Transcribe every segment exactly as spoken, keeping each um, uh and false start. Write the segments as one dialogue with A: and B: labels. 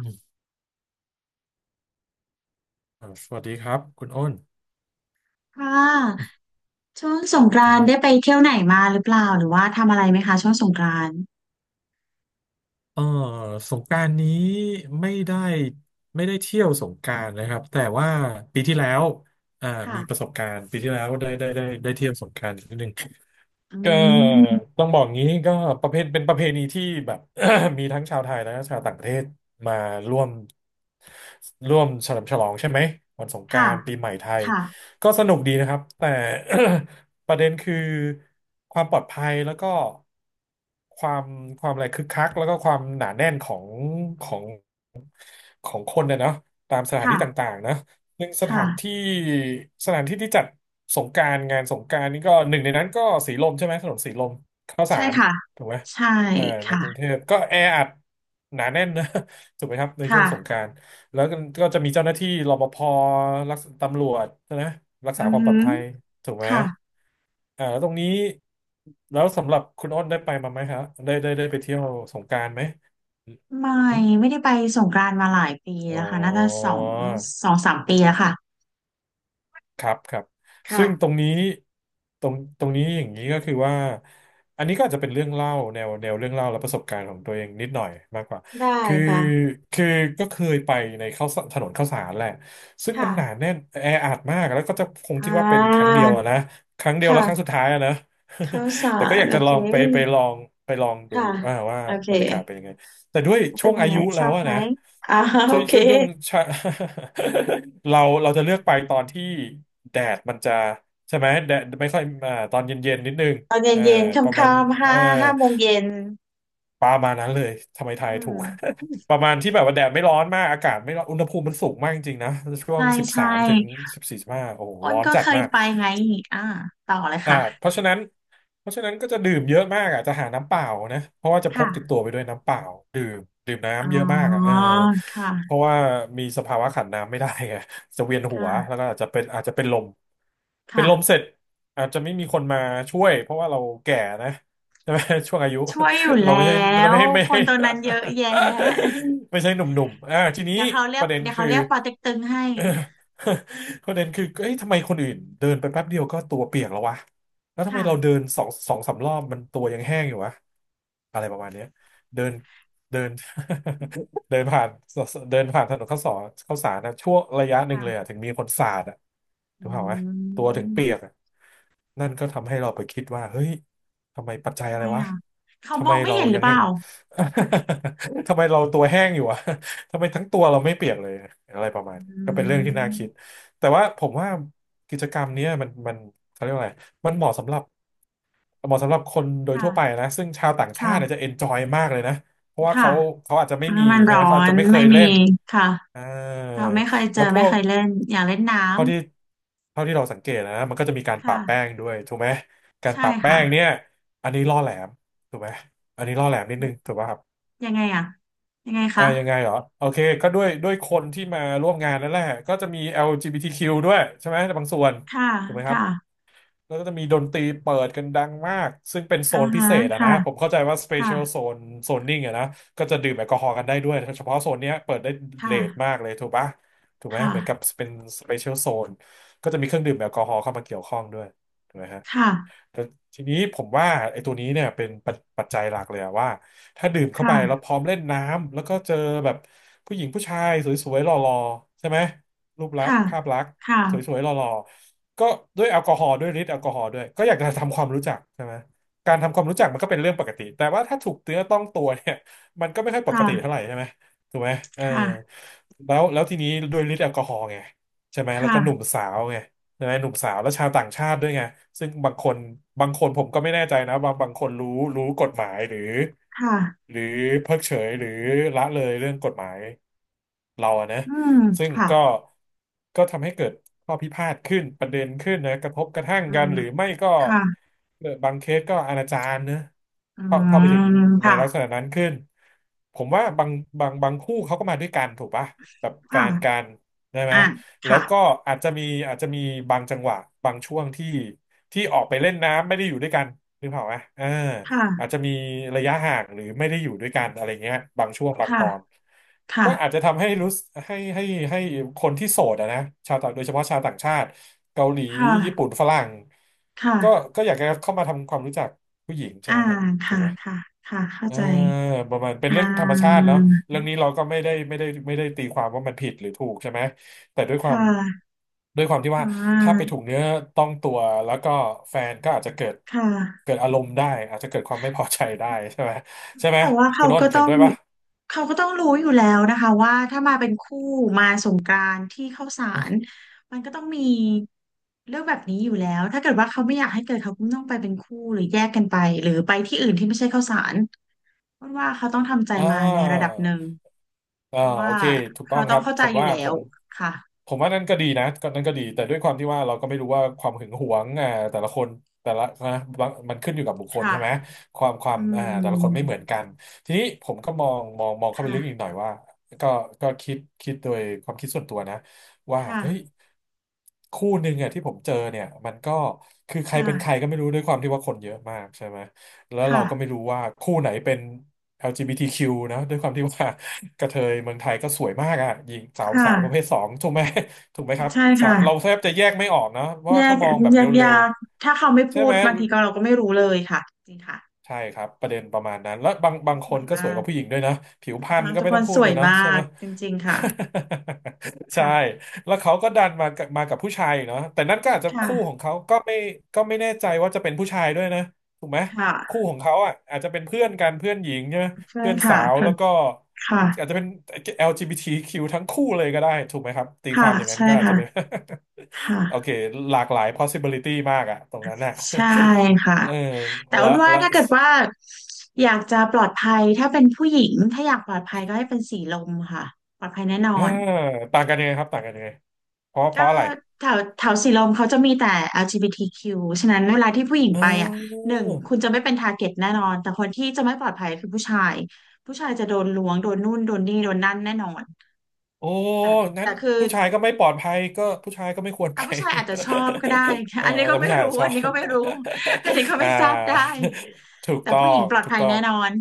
A: อืมอ่าสวัสดีครับคุณอ้น
B: ค่ะช่วงสงก
A: ค
B: รานต์
A: รับ
B: ได้ไปเที่ยวไหนมาหรือเปล่าหรือว่าทำอะไรไหมคะช่วงสงกรานต์
A: เออสงกรานต์นี้ไม่ได้ไม่ได้เที่ยวสงกรานต์นะครับแต่ว่าปีที่แล้วอ่า
B: ค่ะ
A: มีประสบการณ์ปีที่แล้วได้ได้ได้ได้เที่ยวสงกรานต์นิดนึง
B: อื
A: ก็
B: ม
A: ต้องบอกงี้ก็ประเพณเป็นประเพณีที่แบบ มีทั้งชาวไทยและชาวต่างประเทศมาร่วมร่วมเฉลิมฉลองใช่ไหมวันสงกรา
B: ค่ะ
A: นต์ปีใหม่ไทย
B: ค่ะ
A: ก็สนุกดีนะครับแต่ ประเด็นคือความปลอดภัยแล้วก็ความความอะไรคึกคักแล้วก็ความหนาแน่นของของของคนเนี่ยเนาะตามสถาน
B: ค่ะ
A: ที่ต่างๆนะ หนึ่งสถานที่
B: ค่ะ
A: สถานที่ที่จัดสงกรานต์งานสงกรานต์นี่ก็หนึ่งในนั้นก็สีลมใช่ไหมถนนสีลมข้าวสา
B: ใช่
A: ร
B: ค่ะ
A: ถูกไหม
B: ใช่
A: เออในกรุงเท
B: ค่ะ
A: พก็แออัดหนาแน่นนะ ถูกไหมครับในช่วงสงก
B: ค่ะ
A: รานต์แล้วก็ก็จะมีเจ้าหน้าที่รปภรักษาตำรวจนะรักษา
B: อือ
A: ความปล
B: หื
A: อด
B: อ
A: ภัยถูกไหม
B: ค่ะ
A: อ่าแล้วตรงนี้แล้วสำหรับคุณอ้นได้ไปมาไหมครับได้ได้ได้ไปเที่ยวสงกรานต์ไหม
B: ไม่
A: อืม
B: ไม่ได้ไปสงกรานต์มาหลายปี
A: อ๋อ
B: แล้วค่ะน่าจะสองสองสามปีแล้วค่ะ
A: ครับครับซึ่งตร
B: ค่ะ
A: งนี้ตรงตรงนี้อย่างนี้ก็คือว่าอันนี้ก็อาจจะเป็นเรื่องเล่าแนวแนวเรื่องเล่าและประสบการณ์ของตัวเองนิดหน่อยมากกว่า
B: ได้
A: คือ
B: ค่ะ
A: คือก็เคยไปในข้าวสารถนนข้าวสารแหละซึ่ง
B: ค่ะ
A: มันหนาแน่นแออัดมากแล้วก็จะคง
B: อ่
A: คิดว่าเป็นครั้ง
B: า
A: เดียวอะนะครั้งเดียวแล้วครั้ง
B: ค่ะ
A: สุดท้ายอะนะ
B: ข้าว สา
A: แต่ก็อ
B: ร
A: ยาก
B: โอ
A: จะล
B: เค
A: องไปไปลองไปลองดู
B: ค่ะ
A: อ่าว่า
B: โอเค
A: บรรยากาศเป็นยังไง แต่ด้วย
B: เป็
A: ช่ว
B: น
A: ง
B: ยั
A: อา
B: งไง
A: ยุ
B: ช
A: แล้
B: อ
A: ว
B: บ
A: อะ
B: ไหม
A: นะ
B: อ่าโอ
A: ช่วย
B: เค
A: ช่วยดึงชะ เราเราจะเลือกไปตอนที่แดดมันจะใช่ไหมแดดไม่ค่อยอ่าตอนเย็นๆนิดนึง
B: ตอนเย็น
A: เอ่า
B: เย็น
A: ประมาณ
B: ค่ำๆ
A: เอ่อ
B: ห้าห้าโมงเย็น
A: ประมาณนั้นเลยทำไม
B: อื
A: ทายถูก
B: ม
A: ประมาณที่แบบว่าแดดไม่ร้อนมากอากาศไม่ร้อนอุณหภูมิมันสูงมากจริงๆนะช่ว
B: ใช่
A: งสิบสา
B: ใช่
A: มถึงสิบสี่สิบห้าโอ้โห
B: อ้
A: ร้
B: น
A: อน
B: ก็
A: จัด
B: เคย
A: มาก
B: ไปไงอ่าต่อเลย
A: อ่าเพ
B: ค่ะ
A: ราะฉะนั้นเพราะฉะนั้นก็จะดื่มเยอะมากอ่ะจะหาน้ำเปล่านะเพราะว่าจะพกติด
B: ค่ะ
A: ตัวไปด้วยน้ำเปล่าดื่มดื่ม
B: อ๋อ
A: น้ำเยอะมากอ่ะเออ
B: ค
A: เพราะ
B: ่ะ
A: ว่ามีสภาวะขาดน้ำไม่ได้ไง จะเวียนหัว
B: ค่ะ
A: แล้วก็อาจจะเป็นอาจจะเป็นลมเป็น
B: ค่ะ
A: ลมเสร็จอาจจะไม่มีคนมาช่วยเพราะว่าเราแก่นะใช่ไหม ช่วงอายุ
B: ช่วยอยู่
A: เรา
B: แล้
A: ไม่ใช่เรา
B: ว
A: ไม่ไม่
B: คน
A: ไม่
B: ตรงนั้นเยอะแยะ
A: ไม่ใช่หนุ่มๆอ่าทีนี้
B: เดี๋ยวเขาเรี
A: ป
B: ยก
A: ระเด็น
B: เดี๋ยว
A: คื
B: เขา
A: อ
B: เรียกปอเต็กตึงให้
A: ประเด็นคือเอ้ยทำไมคนอื่นเดินไปแป๊บเดียวก็ตัวเปียกแล้ววะ แล้วทำไมเราเดิ
B: ค่ะ
A: นสองสองสามรอบมันตัวยังแห้งอยู่วะอะไรประมาณเนี้ยเดินเดิน เดินผ่านเดินผ่านถนนข้าวสารข้าวสารนะช่วงระยะหนึ่งเลยอะ
B: ค่ะ
A: ถึงมีคนสาดอะถูกเปล่าวะ
B: อื
A: ตัวถึง
B: ม
A: เปียกอะนั่นก็ทำให้เราไปคิดว่าเฮ้ยทำไมปัจจัย
B: ทำ
A: อะ
B: ไม
A: ไรวะ
B: อ่ะ เขา
A: ทำ
B: ม
A: ไม
B: องไม่
A: เรา
B: เห็นหรื
A: ยั
B: อ
A: ง
B: เป
A: แห้
B: ล่า
A: ง ทำไมเราตัวแห้งอยู่วะทำไมทั้งตัวเราไม่เปียกเลยอะไรประมาณ
B: อื
A: นี้ก็เป็นเรื่องที่น่า
B: ม
A: คิดแต่ว่าผมว่ากิจกรรมเนี้ยมันมันเขาเรียกว่าอะไร มันเหมาะสำหรับเหมาะสำหรับคนโดย
B: ค่ะ
A: ทั่วไปนะซึ่งชาวต่างชา
B: ค่ะ
A: ติเนี่ยจะเอนจอยมากเลยนะเพราะว่า
B: ค่ะ
A: เขาเขาอาจจะไม่มี
B: มัน
A: ใช่
B: ร้
A: ไหม
B: อ
A: เขาอาจ
B: น
A: จะไม่เค
B: ไม่
A: ยเล่
B: มี
A: น
B: ค่ะ
A: อ่า
B: เราไม่เคยเจ
A: แล้ว
B: อ
A: พ
B: ไม่
A: วก
B: เคยเล่นอยากเล่นน้ำ
A: เท่าที่เท่าที่เราสังเกตนะมันก็จะมีการปะ
B: ค่ะ
A: แป้งด้วยถูกไหมการ
B: ใช่
A: ปะแป้งเนี่
B: ค่ะ
A: ยอันนี้ล่อแหลมถูกไหมอันนี้ล่อแหลมนิดนึงถูกป่ะครับ
B: ยังไงอ่ะยังไง
A: อ่า
B: คะ
A: ยังไงเหรอโอเคก็ด้วยด้วยคนที่มาร่วมงานนั่นแหละก็จะมี แอล จี บี ที คิว ด้วยใช่ไหมในบางส่วน
B: ค่ะ
A: ถูกไหมครับ
B: ค่ะ
A: แล้วก็จะมีดนตรีเปิดกันดังมากซึ่งเป็นโซ
B: อ่า
A: นพิ
B: ฮะ
A: เศษอะนะ
B: ค่ะ
A: ผมเข้าใจว่า
B: ค่ะ
A: special zone zoning อะนะก็จะดื่มแอลกอฮอล์กันได้ด้วยเฉพาะโซนเนี้ยเปิดได้
B: ค
A: เลทมา
B: ่ะ
A: กเลยถูกปะถูกไหม
B: ค่ะ
A: เหมือนกับเป็น special zone ก็จะมีเครื่องดื่มแอลกอฮอล์เข้ามาเกี่ยวข้องด้วยถูกไหมฮะ
B: ค่ะ
A: แต่ทีนี้ผมว่าไอ้ตัวนี้เนี่ยเป็นปัจปัจจัยหลักเลยอะว่าถ้าดื่มเข้าไปแล้วพร้อมเล่นน้ำแล้วก็เจอแบบผู้หญิงผู้ชายสวยๆหล่อๆใช่ไหมรูปลักษ
B: ค่ะ
A: ณ์ภาพลักษณ์
B: ค
A: สวยๆหล่อๆก็ด้วยแอลกอฮอล์ด้วยฤทธิ์แอลกอฮอล์ด้วยก็อยากจะทำความรู้จักใช่ไหมการทำความรู้จักมันก็เป็นเรื่องปกติแต่ว่าถ้าถูกเนื้อต้องตัวเนี่ยมันก็ไม่ค่อยปกติเท่า
B: ่ะ
A: ไหร่ใช่ไหมถูกไหมเออ
B: ค่ะ
A: แล้วแล้วทีนี้ด้วยฤทธิ์แอลกอฮอล์ไงใช่ไหมแล้ว
B: ค่ะ
A: ก็หนุ่มสาวไง ใชหนุ่มสาวและชาวต่างชาติด้วยไงซึ่งบางคนบางคนผมก็ไม่แน่ใจนะบางบางคนรู้รู้กฎหมายหรือ
B: ค่ะค่ะค่ะ
A: หรือเพิกเฉยหรือละเลยเรื่องกฎหมายเราอะนะ
B: อืม
A: ซึ่ง
B: ค่ะ
A: ก็ก็ทำให้เกิดข้อพิพาทขึ้นประเด็นขึ้นนะกระทบกระทั่ง
B: อื
A: กั
B: ม
A: นหรือไม่ก็
B: ค่ะ
A: เอ่อบางเคสก็อนาจารนะ
B: อื
A: เข้าเข้าไปถึง
B: ม
A: ใน
B: ค่ะ
A: ลักษณะนั้นขึ้นผมว่าบางบางบางคู่เขาก็มาด้วยกันถูกปะแบบแฟ
B: ค่ะ
A: นกันได้ไหม
B: อ่า
A: แล้ว
B: ค่ะ
A: ก็อาจจะมีอาจจะมีบางจังหวะบางช่วงที่ที่ออกไปเล่นน้ำไม่ได้อยู่ด้วยกันนึกภาพไหมเอออาจ
B: ค่ะ
A: จะมีระยะห่างหรือไม่ได้อยู่ด้วยกันอะไรเงี้ยบางช่วงบางต
B: ค่ะ
A: อนก็
B: ค่ะ
A: อาจจะทำให้รู้สึกให้ให้ให้คนที่โสดอะนะชาวต่างโดยเฉพาะชาวต่างชาติเกาหลี
B: ค
A: ญี่ปุ่น
B: ่ะ
A: ฝรั่ง
B: ค
A: ก็
B: ่ะ
A: ก็อยากจะเข้ามาทำความรู้จักผู้หญิงใช่
B: อ่า
A: ไหมครับถู
B: ค่ะ
A: กไหม
B: ค่ะค่ะเข้า
A: เออ
B: ใจ
A: ประมาณเป็น
B: อ่า
A: เรื่องธรรมชาติเนาะเรื่องนี้เราก็ไม่ได้ไม่ได้ไม่ได้ตีความว่ามันผิดหรือถูกใช่ไหมแต่ด้วยความ
B: ค่ะ
A: ด้วยความที่
B: อ่
A: ว่าถ้าไป
B: า
A: ถูกเนื้อต้องตัวแล้วก็แฟนก็อาจจะเกิด
B: ค่ะ
A: เกิดอารมณ์ได้อาจจะเกิดความไม่พอใจได้ใช่ไหมใช่ไหม
B: แต่ว่า
A: คุ
B: เขา
A: ณอ้
B: ก็
A: น
B: ต้
A: เห็
B: อ
A: น
B: ง
A: ด้วยปะ
B: เขาก็ต้องรู้อยู่แล้วนะคะว่าถ้ามาเป็นคู่มาสงกรานต์ที่เข้าสารมันก็ต้องมีเรื่องแบบนี้อยู่แล้วถ้าเกิดว่าเขาไม่อยากให้เกิดเขาก็ต้องไปเป็นคู่หรือแยกกันไปหรือไปที่อื่นที่ไม่ใช่เข้าสารเพราะว่าเขาต้องทำใจ
A: อ่
B: มาในระดับหนึ่ง
A: า อ่า
B: เพราะ
A: โอ
B: ว่า
A: เคถูกต้อ
B: เขา
A: งค
B: ต้อ
A: รั
B: ง
A: บ
B: เข้า
A: ผ
B: ใจ
A: ม
B: อยู่
A: ว่า
B: แล้
A: ผ
B: ว
A: ม
B: ค่ะ
A: ผมว่านั่นก็ดีนะก็นั่นก็ดีแต่ด้วยความที่ว่าเราก็ไม่รู้ว่าความหึงหวงอ่าแต่ละคนแต่ละนะบางมันขึ้นอยู่กับบุคคล
B: ค่ะ
A: ใช่ไหมความควา
B: อื
A: มอ่าแต่ละคนไม่เหมื
B: ม
A: อนกันทีนี้ผมก็มองมองมองเข้าไป
B: ค่ะ
A: ลึกอีกหน่อยว่าก็ก็คิดคิดโดยความคิดส่วนตัวนะว่า
B: ค่ะ
A: เฮ้ยคู่หนึ่งอ่ะที่ผมเจอเนี่ยมันก็คือใคร
B: ค่ะ
A: เป็นใครก็ไม่รู้ด้วยความที่ว่าคนเยอะมากใช่ไหมแล้วเรา
B: ค่ะ
A: ก็ไม่รู้ว่าคู่ไหนเป็น แอล จี บี ที คิว นะด้วยความที่ว่า กระเทยเมืองไทยก็สวยมากอ่ะหญิง
B: ค
A: สาวสาวประเภ
B: ่ะ
A: ทสองถูกไหม ถูกไหมครับ
B: ใช่
A: สาว
B: ค่ะ
A: เราแทบจะแยกไม่ออกนะเพราะ
B: แย
A: ว่าถ้า
B: ก
A: มองแบบ
B: แย
A: เร
B: ก
A: ็ว
B: ยากถ้าเขาไม่
A: ๆใช่
B: พูด
A: ไหม
B: บางทีก็เราก็ไม่รู้เลยค่ะจริงค่ะ
A: ใช่ครับประเด็นประมาณนั้นแล้วบา
B: ทุ
A: ง
B: กค
A: บา
B: น
A: ง
B: ส
A: ค
B: ว
A: น
B: ย
A: ก็สว
B: มา
A: ยก
B: ก
A: ว่าผู้หญิงด้วยนะผิวพรรณ
B: ทั้ง
A: ก็
B: ทุก
A: ไม่
B: ค
A: ต้อ
B: น
A: งพู
B: ส
A: ด
B: ว
A: เล
B: ย
A: ยเนาะใช่
B: มา
A: ไหม
B: กจริงๆค่ะ
A: ใช่
B: ค่ะ
A: แล้วเขาก็ดันมากับมากับผู้ชายเนาะแต่นั่นก็อาจจะคู่ของ
B: ค่ะ
A: เขาก็ไม่ก็ไม่แน่ใจว่าจะเป็นผู้ชายด้วยนะถูกไหม
B: ค
A: คู่
B: ่ะ
A: ของเขาอ่ะอาจจะเป็นเพื่อนกันเพื่อนหญิงใช่ไหม
B: เพื่อ
A: เพื่
B: น
A: อนสา
B: ค่ะ
A: ว
B: เพื่อ
A: แล้
B: น
A: วก็
B: ค่ะ
A: อาจจะเป็น แอล จี บี ที คิว ทคิวทั้งคู่เลยก็ได้ถูกไหมครับตีค
B: ค่ะ
A: วามอย่างนั้น
B: ใช่
A: ก็อาจ
B: ค่ะ
A: จะเป็น
B: ค
A: โอเค
B: ่ะ
A: หลากหลาย possibility มากอะตรงนั้นอ่ะ
B: ใช่ ค่ะ
A: เออ
B: แต่อ้
A: และ
B: วนว่า
A: และ
B: ถ้าเกิดว่าอยากจะปลอดภัยถ้าเป็นผู้หญิงถ้าอยากปลอดภัยก็ให้เป็นสีลมค่ะปลอดภัยแน่นอ
A: อ่า
B: น
A: ต่างกันยังไงครับต่างกันยังไงเพราะเพ
B: ก็
A: ราะอะไร
B: แถวแถวสีลมเขาจะมีแต่ แอล จี บี ที คิว ฉะนั้นเวลาที่ผู้หญิง
A: เ
B: ไปอ่ะ
A: ออ
B: หนึ่งคุณจะไม่เป็นทาร์เก็ตแน่นอนแต่คนที่จะไม่ปลอดภัยคือผู้ชายผู้ชายจะโดนล้วงโดนนู่นโดนนี่โดนนั่นแน่นอน
A: โอ้
B: แต่
A: นั้
B: แต่
A: น
B: คือ
A: ผู้ชายก็ไม่ปลอดภัยก็ผู้ชายก็ไม่ควรไป
B: อ่ะผู้ชายอาจจะชอบก็ได้
A: เอ อ
B: อันนี้ก็
A: แต่
B: ไม่
A: ผู้ชาย
B: รู้
A: อะชอ
B: อันนี้
A: บ
B: ก็ไม่รู้ อันนี้ก็
A: อ่า
B: ไม่ทราบได้
A: ถูก
B: แต่
A: ต้อ
B: ผู้หญิง
A: ง
B: ปลอด
A: ถูก
B: ภัย
A: ต้อ
B: แน่
A: ง
B: นอน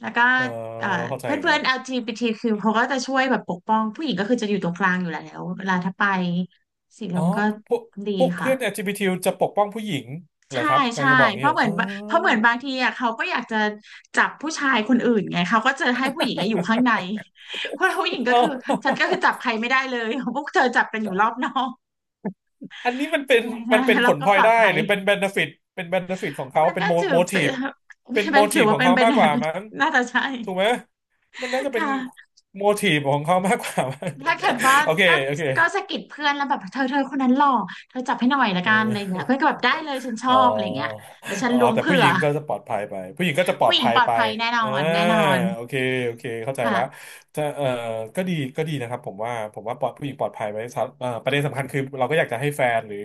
B: แล้วก็
A: เออ
B: เอ่อ
A: เข้าใจ
B: เพื่อ
A: อ
B: น
A: ย่าง
B: เพื่อ
A: นั้
B: น
A: น
B: แอล จี บี ที คิว เขาก็จะช่วยแบบปกป้องผู้หญิงก็คือจะอยู่ตรงกลางอยู่แล้วเวลาถ้าไปสีล
A: อ๋อ
B: มก็
A: พวก
B: ดี
A: พวก
B: ค่ะ
A: เพื่อน แอล จี บี ที จบีทีจะปกป้องผู้หญิงเหรอ
B: ใช่
A: ครับกำลั
B: ใช่
A: งจะบอก
B: เพ
A: เงี้ย
B: ราะ
A: เหร
B: เห
A: อ
B: มือ
A: อ๋
B: นเพราะเหมือนบางทีอ่ะเขาก็อยากจะจับผู้ชายคนอื่นไงเขาก็จะให้ผู้หญิงอะอยู่ข้างในเพราะผู้หญิงก็
A: อ
B: คือฉันก็คือจับ ใครไม่ได้เลยพวกเธอจับกันอยู่รอบนอก
A: อันนี้มันเป็นมันเป็น ผ
B: แล้ว
A: ล
B: ก็
A: พลอ
B: ป
A: ย
B: ลอด
A: ได้
B: ภั
A: ห
B: ย
A: รือเป็นเบนฟิตเป็นเบนฟิตของเขา
B: มัน
A: เป็น
B: ก็
A: โม
B: ถือ
A: โมที
B: เป็น
A: ฟเป็นโม
B: เป็นถื
A: ที
B: อ
A: ฟข
B: ว่า
A: อง
B: เป็น
A: เขา
B: เป็น
A: มากกว่ามั้ง
B: น่าจะใช่
A: ถูกไหมมันน่าจะเป็น
B: ค่ะ
A: โมทีฟของเขามากกว่ามั้ง
B: ถ้าเกิดว่า
A: โอเค
B: ก็
A: โอเค
B: ก็สะกิดเพื่อนแล้วแบบเธอเธอคนนั้นหล่อเธอจับให้หน่อยละ
A: เอ
B: กันอะไรเงี้ยเพื่อนก็
A: อ
B: แบบได้เลยฉันชอ
A: อ๋อ
B: บอะไรเงี้ยแล้วฉัน
A: อ๋อ
B: ล้วง
A: แต่ผู้
B: เผื่
A: ห
B: อ
A: ญิงก็จะปลอดภัยไปผู้หญิงก็จะปลอ
B: ผู้
A: ด
B: หญิง
A: ภัย
B: ปลอด
A: ไป
B: ภัยแน่นอ
A: อ่า
B: นแน่นอน
A: โอเคโอเคเข้าใจ
B: ค่ะ
A: ละจะเอ่อก็ดีก็ดีนะครับ ผมว่าผมว่าปลอดผู้หญิงปลอดภัยไว้สำเอ่อประเด็นสำคัญคือเราก็อยากจะให้แฟนหรือ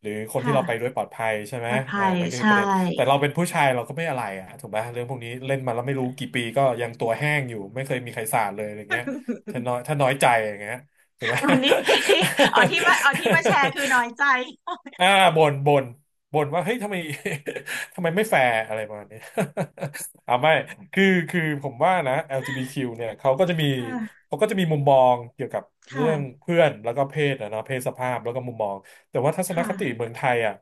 A: หรือคนที่เราไปด้ว
B: ค่ะ
A: ยปลอดภัยใช่ไห
B: ป
A: ม
B: ลอด
A: อ่า
B: ภัย
A: นั่นก็คือ
B: ใช่
A: ประเด็นแต่เราเป็นผู้ชายเราก็ไม่อะไรอะถูกไหมเรื่องพวกนี้เล่นมาแล้วไม่รู้กี่ปีก็ยังตัวแห้งอยู่ไม่เคยมีใครสาดเลยอะไรเงี้ยถ้า น้อยถ้าน้อยใจอย่างเงี้ยถูกไหม
B: วันนี้ที่อ๋อที่มาอ๋อที่มาแชร์คือ น้อยใจ
A: อ่าบ่นบ่นบ่นว่าเฮ้ยทำไม ทำไมไม่แฟร์อะไรประมาณนี้ อ่าไม่คือคือผมว่านะ แอล จี บี ที คิว เนี่ยเขาก็จะมี
B: ค่ะ
A: เขาก็จะมีมุมมองเกี่ยวกับเรื่อง
B: ค่ะ
A: เพื่อนแล้วก็เพศนะเนาะเพศสภาพแล้วก็มุมมองแต่ว่าทัศน
B: ค่ะ
A: คติเมืองไทยอ่ะ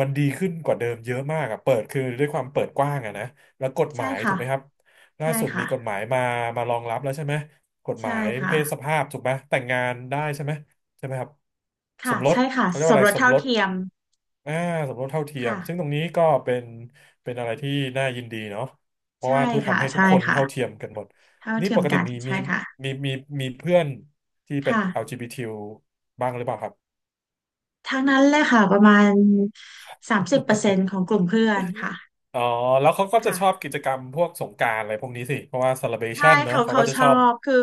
A: มันดีขึ้นกว่าเดิมเยอะมากอ่ะเปิดคือด้วยความเปิดกว้างอ่ะนะแล้วกฎห
B: ใช่
A: มายถู
B: ค่ะ
A: กไหมครับล่า
B: ใช่
A: สุด
B: ค่ะ
A: มีกฎหมายมามารองรับแล้วใช่ไหมกฎห
B: ใช่
A: มาย
B: ค่ะ
A: เพศสภาพถูกไหมแต่งงานได้ใช่ไหมใช่ไหมครับส
B: ค่ะ
A: มรส
B: ใช่ค่ะ
A: เขาเรียก
B: ส
A: ว่า
B: ม
A: อะ
B: ร
A: ไร
B: ส
A: สม
B: เท่า
A: รส
B: เทียม
A: อ่าสมรสเท่าเทียม
B: ค่ะ
A: ซึ่งตรงนี้ก็เป็นเป็นอะไรที่น่ายินดีเนาะเพราะ
B: ใช่
A: ว่าทุก
B: ค่ะ
A: ทำให้ทุก
B: ใช่
A: คน
B: ค่ะ
A: เท่าเทียมกันหมด
B: เท่า
A: นี่
B: เที
A: ป
B: ยม
A: กติ
B: กัน
A: มีมี
B: ใช่ค่ะ
A: มีมีมีเพื่อนที่เป็น
B: ค่ะ
A: แอล จี บี ที คิว บทีบ้างหรือเปล่าครับ
B: ทั้งนั้นเลยค่ะประมาณสามสิบเปอร์เซ็นต์ของกลุ่มเพื่อนค่ะ
A: อ๋อแล้วเขาก็จะชอบ
B: ค่ะ
A: กิจกรรมพวกสงกรานต์อะไรพวกนี้สิเพราะว่า
B: ใช่
A: celebration เนอะ
B: เขา
A: เขา
B: เขา
A: ก็จะ
B: ช
A: ช
B: อ
A: อบ
B: บคือ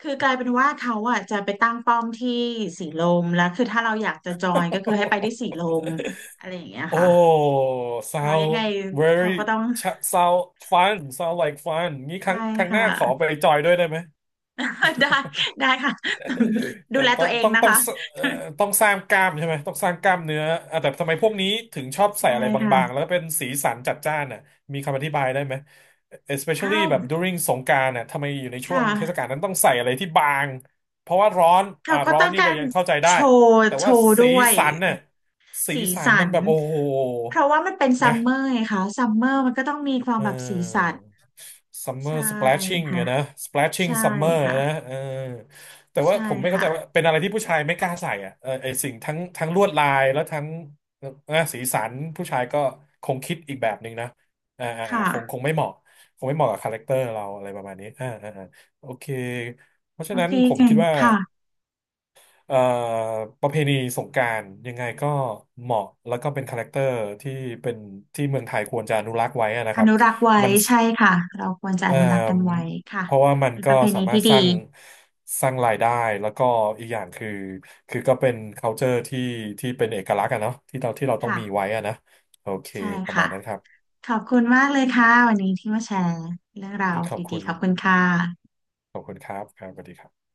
B: คือกลายเป็นว่าเขาอ่ะจะไปตั้งป้อมที่สีลมแล้วคือถ้าเราอยากจะจอยก็คือให้ไปที่สีล มอะไรอย่างเงี้ย
A: โอ้
B: ค่ะเพราะยังไง
A: sound
B: เขาก็
A: very
B: ต้อง
A: cha- sound fun sound like fun งี้ค
B: ใช่
A: รั้งครั้งห
B: ค่ะ
A: น้าขอไปจอยด้วยได้ไหม
B: ได้ได้ค่ะดู
A: แต่
B: แล
A: ต้อ
B: ตั
A: ง
B: วเอง
A: ต้อง
B: นะ
A: ต้อง
B: คะ
A: เอ่อต้องสร้างกล้ามใช่ไหมต้องสร้างกล้ามเนื้ออ่ะแต่ทำไมพวกนี้ถึงชอบใส่
B: ใช่
A: อะไรบางๆแล้
B: ค่ะ
A: วเป็นสีสันจัดจ้านน่ะมีคำอธิบายได้ไหม
B: อ้า
A: especially
B: ว
A: แบบ during สงกรานต์น่ะทำไมอยู่ในช่
B: ค่
A: วงเทศกาล
B: ะ
A: นั้นต้องใส่อะไรที่บางเพราะว่าร้อน
B: เขา
A: อ่า
B: ก็
A: ร้อ
B: ต้
A: น
B: อง
A: นี่
B: กา
A: เรา
B: ร
A: ยังเข้าใจได้
B: โชว์
A: แต่
B: โช
A: ว่า
B: ว์ด้
A: สี
B: วย
A: สันน่ะสี
B: สี
A: สัน
B: สั
A: มัน
B: น
A: แบบโอ้โห
B: เพราะว่ามันเป็นซั
A: นะ
B: มเมอร์ไงคะซัมเมอร์มันก็ต้องมีควา
A: เ
B: มแบบสีสั
A: อ
B: น
A: อ summer
B: ใช่
A: splashing
B: ค่ะ
A: อะนะ splashing
B: ใช่
A: summer
B: ค่ะ
A: อะนะเออแต่ว่า
B: ใช่
A: ผมไม่เข้าใจว่า
B: ค่ะ
A: เป็นอะไรที่ผู้ชายไม่กล้าใส่อ่ะเออไอสิ่งทั้งทั้งลวดลายแล้วทั้งนะสีสันผู้ชายก็คงคิดอีกแบบหนึ่งนะอ่าอ่าอ่า
B: ค่ะ
A: คงคงไม่เหมาะคงไม่เหมาะกับคาแรคเตอร์เราอะไรประมาณนี้อ่าอ่าอ่าโอเคเพราะฉะ
B: โอ
A: นั้น
B: เค
A: ผม
B: เก่
A: คิ
B: ง
A: ดว่า
B: ค่ะ
A: เอ่อประเพณีสงกรานต์ยังไงก็เหมาะแล้วก็เป็นคาแรคเตอร์ที่เป็นที่เมืองไทยควรจะอนุรักษ์ไว้อะนะ
B: อ
A: ครับ
B: นุรักษ์ไว้
A: มัน
B: ใช่ค่ะ เราควรจะอ
A: เอ่
B: นุรักษ์กันไว้
A: อ
B: ค่ะ
A: เพราะว่ามัน
B: เป็นป
A: ก็
B: ระเพ
A: สา
B: ณี
A: มาร
B: ที่
A: ถ
B: ดี
A: สร้างสร้างรายได้แล้วก็อีกอย่างคือคือก็เป็น culture ที่ที่เป็นเอกลักษณ์อะเนาะที่เราที่เราต้องมี
B: ค่ะ
A: ไว้อะนะโอเค
B: ใช่
A: ประมา
B: ค่ะ
A: ณนั้นครับ
B: ขอบคุณมากเลยค่ะ วันนี้ที่มาแชร์เรื่องราว
A: ขอบ
B: ดี
A: คุณ
B: ๆ ขอบคุณค่ะ
A: ขอบคุณครับครับสวัสดีครับ